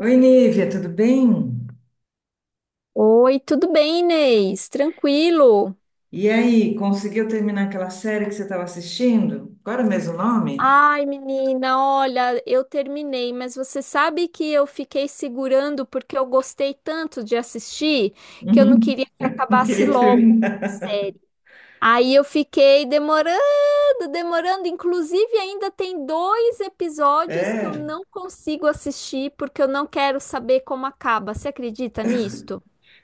Oi, Nívia, tudo bem? Oi, tudo bem, Inês? Tranquilo? E aí, conseguiu terminar aquela série que você estava assistindo? Qual era mesmo o nome? Ai, menina, olha, eu terminei, mas você sabe que eu fiquei segurando porque eu gostei tanto de assistir que eu não Uhum. queria que Não acabasse queria logo a terminar. série. Aí eu fiquei demorando, demorando. Inclusive, ainda tem dois episódios que eu É. não consigo assistir porque eu não quero saber como acaba. Você acredita nisto?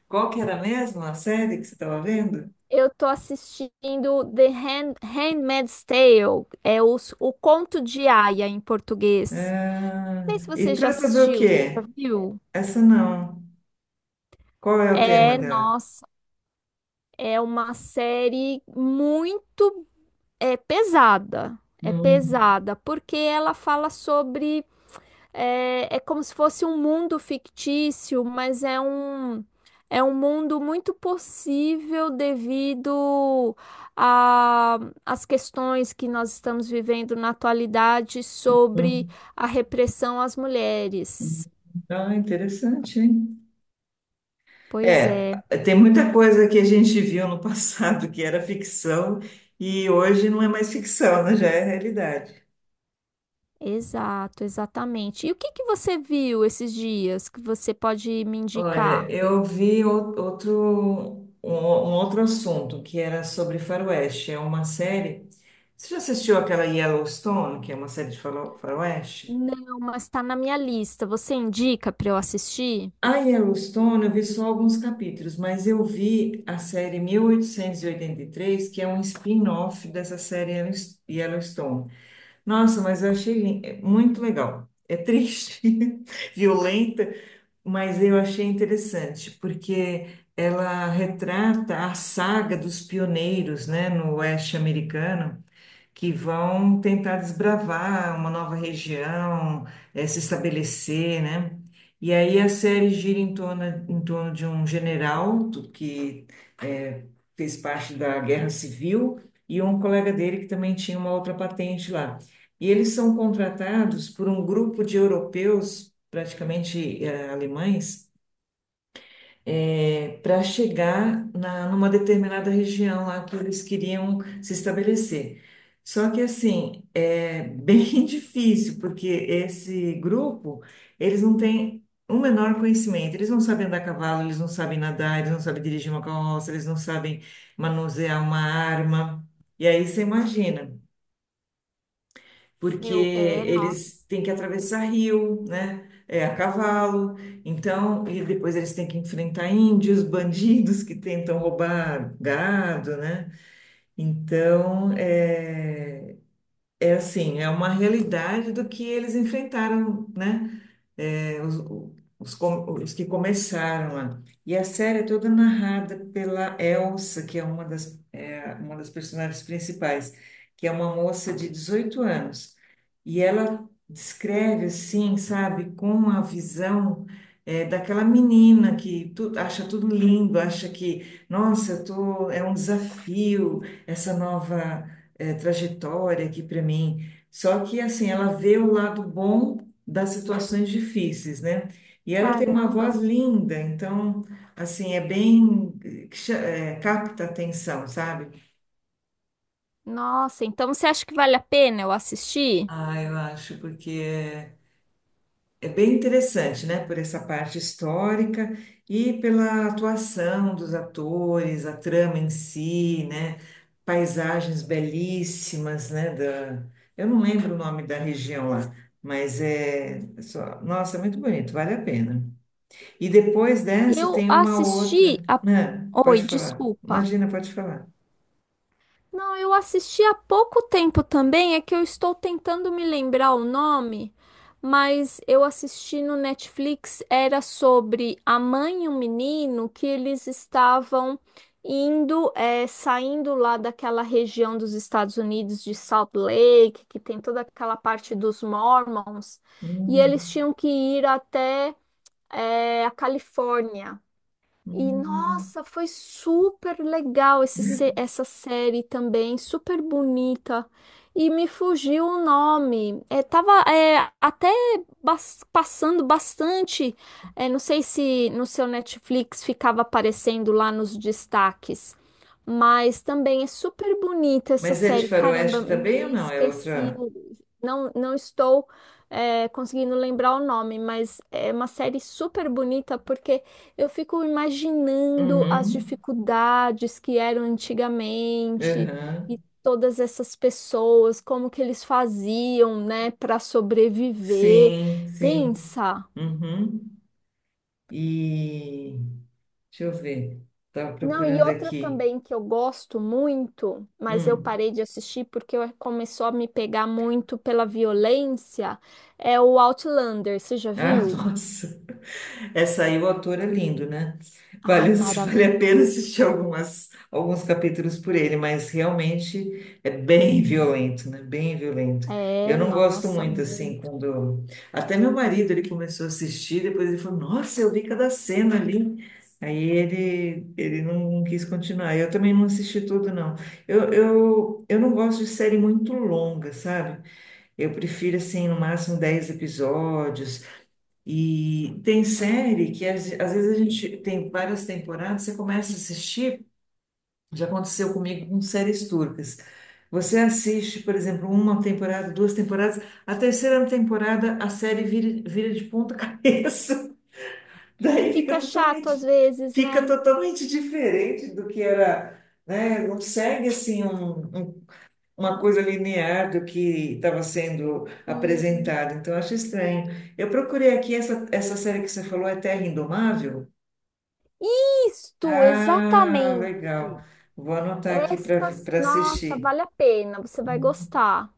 Qual que era mesmo a série que você estava vendo? Eu tô assistindo The Hand, Handmaid's Tale, é o Conto de Aia em português. Ah, Não sei se e você já trata do assistiu, você já quê? viu? Essa não. Qual é o tema É, dela? nossa, é uma série muito pesada. É Hum, pesada, porque ela fala sobre. É, é como se fosse um mundo fictício, mas é um mundo muito possível devido a- às questões que nós estamos vivendo na atualidade sobre hum, a repressão às hum. mulheres. Ah, interessante, hein? Pois É, é, tem muita coisa que a gente viu no passado que era ficção e hoje não é mais ficção, né? Já é realidade. exato, exatamente. E o que que você viu esses dias que você pode me Olha, indicar? Outro, um outro assunto que era sobre faroeste. É uma série. Você já assistiu aquela Yellowstone, que é uma série de faroeste? Não, mas está na minha lista. Você indica para eu assistir? A Yellowstone, eu vi só alguns capítulos, mas eu vi a série mil oitocentos e oitenta e três, que é um spin-off dessa série Yellowstone. Nossa, mas eu achei muito legal. É triste, violenta, mas eu achei interessante, porque ela retrata a saga dos pioneiros, né, no oeste americano que vão tentar desbravar uma nova região, se estabelecer, né? E aí a série gira em torno de um general que eh, fez parte da Guerra Civil e um colega dele que também tinha uma outra patente lá. E eles são contratados por um grupo de europeus, praticamente alemães, para chegar numa determinada região lá que eles queriam se estabelecer. Só que assim, é bem difícil, porque esse grupo, eles não têm o menor conhecimento, eles não sabem andar a cavalo, eles não sabem nadar, eles não sabem dirigir uma carroça, eles não sabem manusear uma arma. E aí você imagina porque Eu, é, nossa, eles têm que atravessar rio, né? É, a cavalo, então, e depois eles têm que enfrentar índios, bandidos que tentam roubar gado, né? Então, é, é assim, é uma realidade do que eles enfrentaram, né? Os, os que começaram lá. E a série é toda narrada pela Elsa, que é uma das, uma das personagens principais, que é uma moça de 18 anos. E ela descreve, assim, sabe, com a visão. Daquela menina que tu, acha tudo lindo, acha que, nossa, eu tô, é um desafio essa nova, trajetória aqui para mim. Só que, assim, ela vê o lado bom das situações difíceis, né? E ela tem uma voz caramba. linda, então, assim, é bem, capta a atenção, sabe? Nossa, então você acha que vale a pena eu assistir? Ah, eu acho, porque é, é bem interessante, né? Por essa parte histórica e pela atuação dos atores, a trama em si, né? Paisagens belíssimas, né? Da, eu não lembro o nome da região lá, mas é, só, nossa, é muito bonito, vale a pena. E depois dessa Eu tem uma assisti outra. a... Ah, pode Oi, falar. desculpa. Imagina, pode falar. Não, eu assisti há pouco tempo também, é que eu estou tentando me lembrar o nome, mas eu assisti no Netflix, era sobre a mãe e o menino que eles estavam indo, saindo lá daquela região dos Estados Unidos de Salt Lake, que tem toda aquela parte dos Mormons, e Hum, eles tinham que ir até a Califórnia. E hum. nossa, foi super legal esse, se- essa série também, super bonita. E me fugiu o nome. É, tava até passando bastante. É, não sei se no seu Netflix ficava aparecendo lá nos destaques. Mas também é super bonita essa Mas é de série. Caramba, faroeste também ou me não? É esqueci. outra. Não estou conseguindo lembrar o nome, mas é uma série super bonita porque eu fico imaginando as Uhum, dificuldades que eram antigamente aham. e todas essas pessoas, como que eles faziam, né, para sobreviver. Sim, sim. Pensa. Uhum. E deixa eu ver. Estava Não, e procurando outra aqui. também que eu gosto muito, mas eu Hum. parei de assistir porque começou a me pegar muito pela violência, é o Outlander. Você já Ah, viu? nossa. Essa aí o autor é lindo, né? Ai, Vale, vale a pena maravilhoso. assistir algumas, alguns capítulos por ele, mas realmente é bem violento, né? Bem violento. Eu É, não gosto nossa, muito, assim, muito. quando... Até meu marido, ele começou a assistir, depois ele falou, nossa, eu vi cada cena ali. Aí ele, não quis continuar. Eu também não assisti tudo, não. Eu não gosto de série muito longa, sabe? Eu prefiro, assim, no máximo 10 episódios, e tem série que às vezes a gente tem várias temporadas, você começa a assistir, já aconteceu comigo com séries turcas. Você assiste, por exemplo, uma temporada, duas temporadas, a terceira temporada a série vira, vira de ponta cabeça. E Daí fica chato às vezes, fica né? totalmente diferente do que era, né? Não segue assim um uma coisa linear do que estava sendo Sim. apresentado. Então, eu acho estranho. Eu procurei aqui essa série que você falou, é Terra Indomável? Isto, Ah, legal. exatamente. Vou anotar aqui Esta, para nossa, assistir. vale a pena, você vai Uhum. gostar.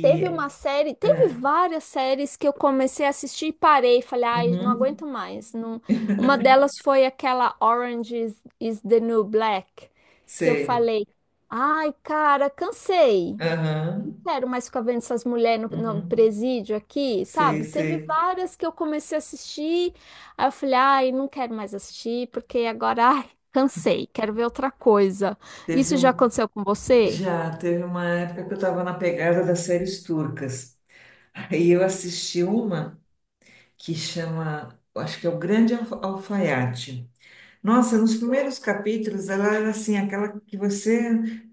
Teve uma série, teve ah, várias séries que eu comecei a assistir e parei, falei, ai, não uhum. aguento mais. Não... Uma delas foi aquela Orange is the New Black, que eu Sei. falei, ai, cara, cansei. Aham. Quero mais ficar vendo essas mulheres no Uhum. presídio aqui, Sei, sabe? Teve sei. várias que eu comecei a assistir, aí eu falei, ai, não quero mais assistir, porque agora, ai, cansei, quero ver outra coisa. Teve, Isso já um- aconteceu com você? Já teve uma época que eu estava na pegada das séries turcas. Aí eu assisti uma que chama, eu acho que é o Grande Alfaiate. Nossa, nos primeiros capítulos ela era assim, aquela que você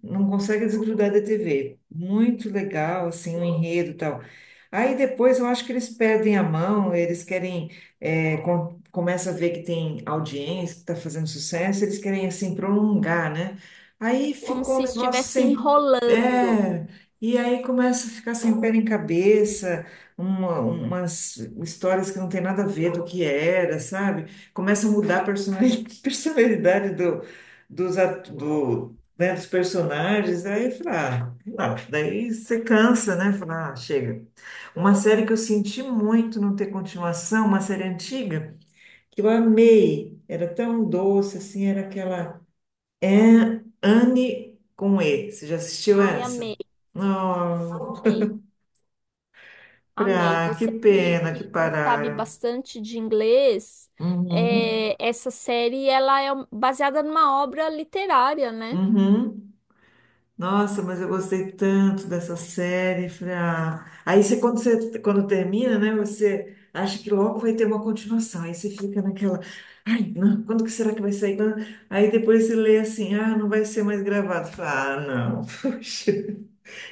não consegue desgrudar da TV. Muito legal, assim, o enredo e tal. Aí depois eu acho que eles perdem a mão, eles querem, é, começa a ver que tem audiência, que está fazendo sucesso, eles querem, assim, prolongar, né? Aí Como ficou um se negócio estivesse sem... enrolando. É, e aí começa a ficar sem pé nem cabeça, umas histórias que não tem nada a ver do que era, sabe? Começa a mudar a personalidade do, né, dos personagens, aí fala, ah, sei lá, daí você cansa, né? Fala, ah, chega. Uma série que eu senti muito não ter continuação, uma série antiga, que eu amei, era tão doce, assim, era aquela Anne com E. Você já assistiu Ai, amei, essa? Não, amei, amei. pra, que Você que, pena que, que que sabe pararam. bastante de inglês, Uhum, é, essa série, ela é baseada numa obra literária, né? uhum. Nossa, mas eu gostei tanto dessa série. Falei, ah. Aí você, quando termina, né, você acha que logo vai ter uma continuação. Aí você fica naquela, ai, não, quando que será que vai sair? Quando-" Aí depois você lê assim, ah, não vai ser mais gravado. Fala, ah, não, poxa.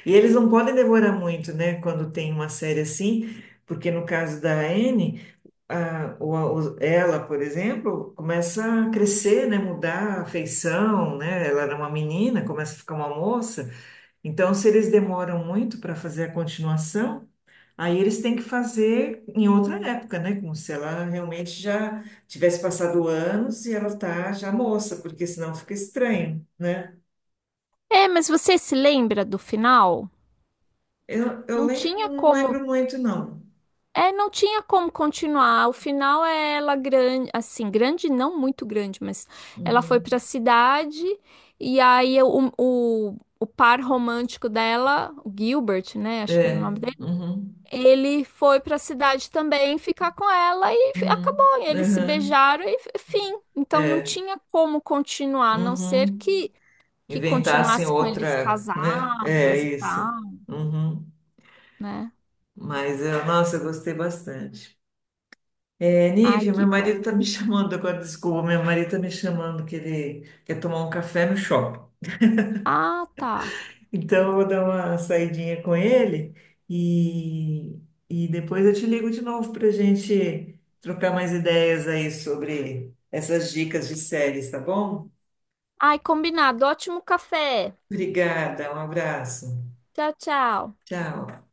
E eles não podem demorar muito, né, quando tem uma série assim, porque no caso da Anne, a, o, ela, por exemplo, começa a crescer, né, mudar a feição, né? Ela era uma menina, começa a ficar uma moça. Então, se eles demoram muito para fazer a continuação, aí eles têm que fazer em outra época, né? Como se ela realmente já tivesse passado anos e ela tá já moça, porque senão fica estranho, né? É, mas você se lembra do final? Eu Não lembro, tinha não como. lembro muito, não. É, não tinha como continuar. O final é ela grande, assim, grande, não muito grande, mas ela foi pra Uhum. cidade e aí o par romântico dela, o Gilbert, né? Acho que era o nome É. dele. Uhum. Ele foi pra cidade também ficar com ela e Uhum. acabou. E eles se Uhum. beijaram e fim. Então não É. tinha como continuar, a não ser Uhum. Que Inventassem continuasse com eles outra, né? É casados e isso. tal, Uhum. né? Mas, eu, nossa, eu gostei bastante. É, Ai, Nívia, meu que marido bom. tá me chamando agora, desculpa, meu marido tá me chamando que ele quer tomar um café no shopping. Ah, tá. Então eu vou dar uma saidinha com ele e, e depois eu te ligo de novo pra gente trocar mais ideias aí sobre essas dicas de séries, tá bom? Ai, combinado. Ótimo café. Obrigada, um abraço. Tchau, tchau. Tchau.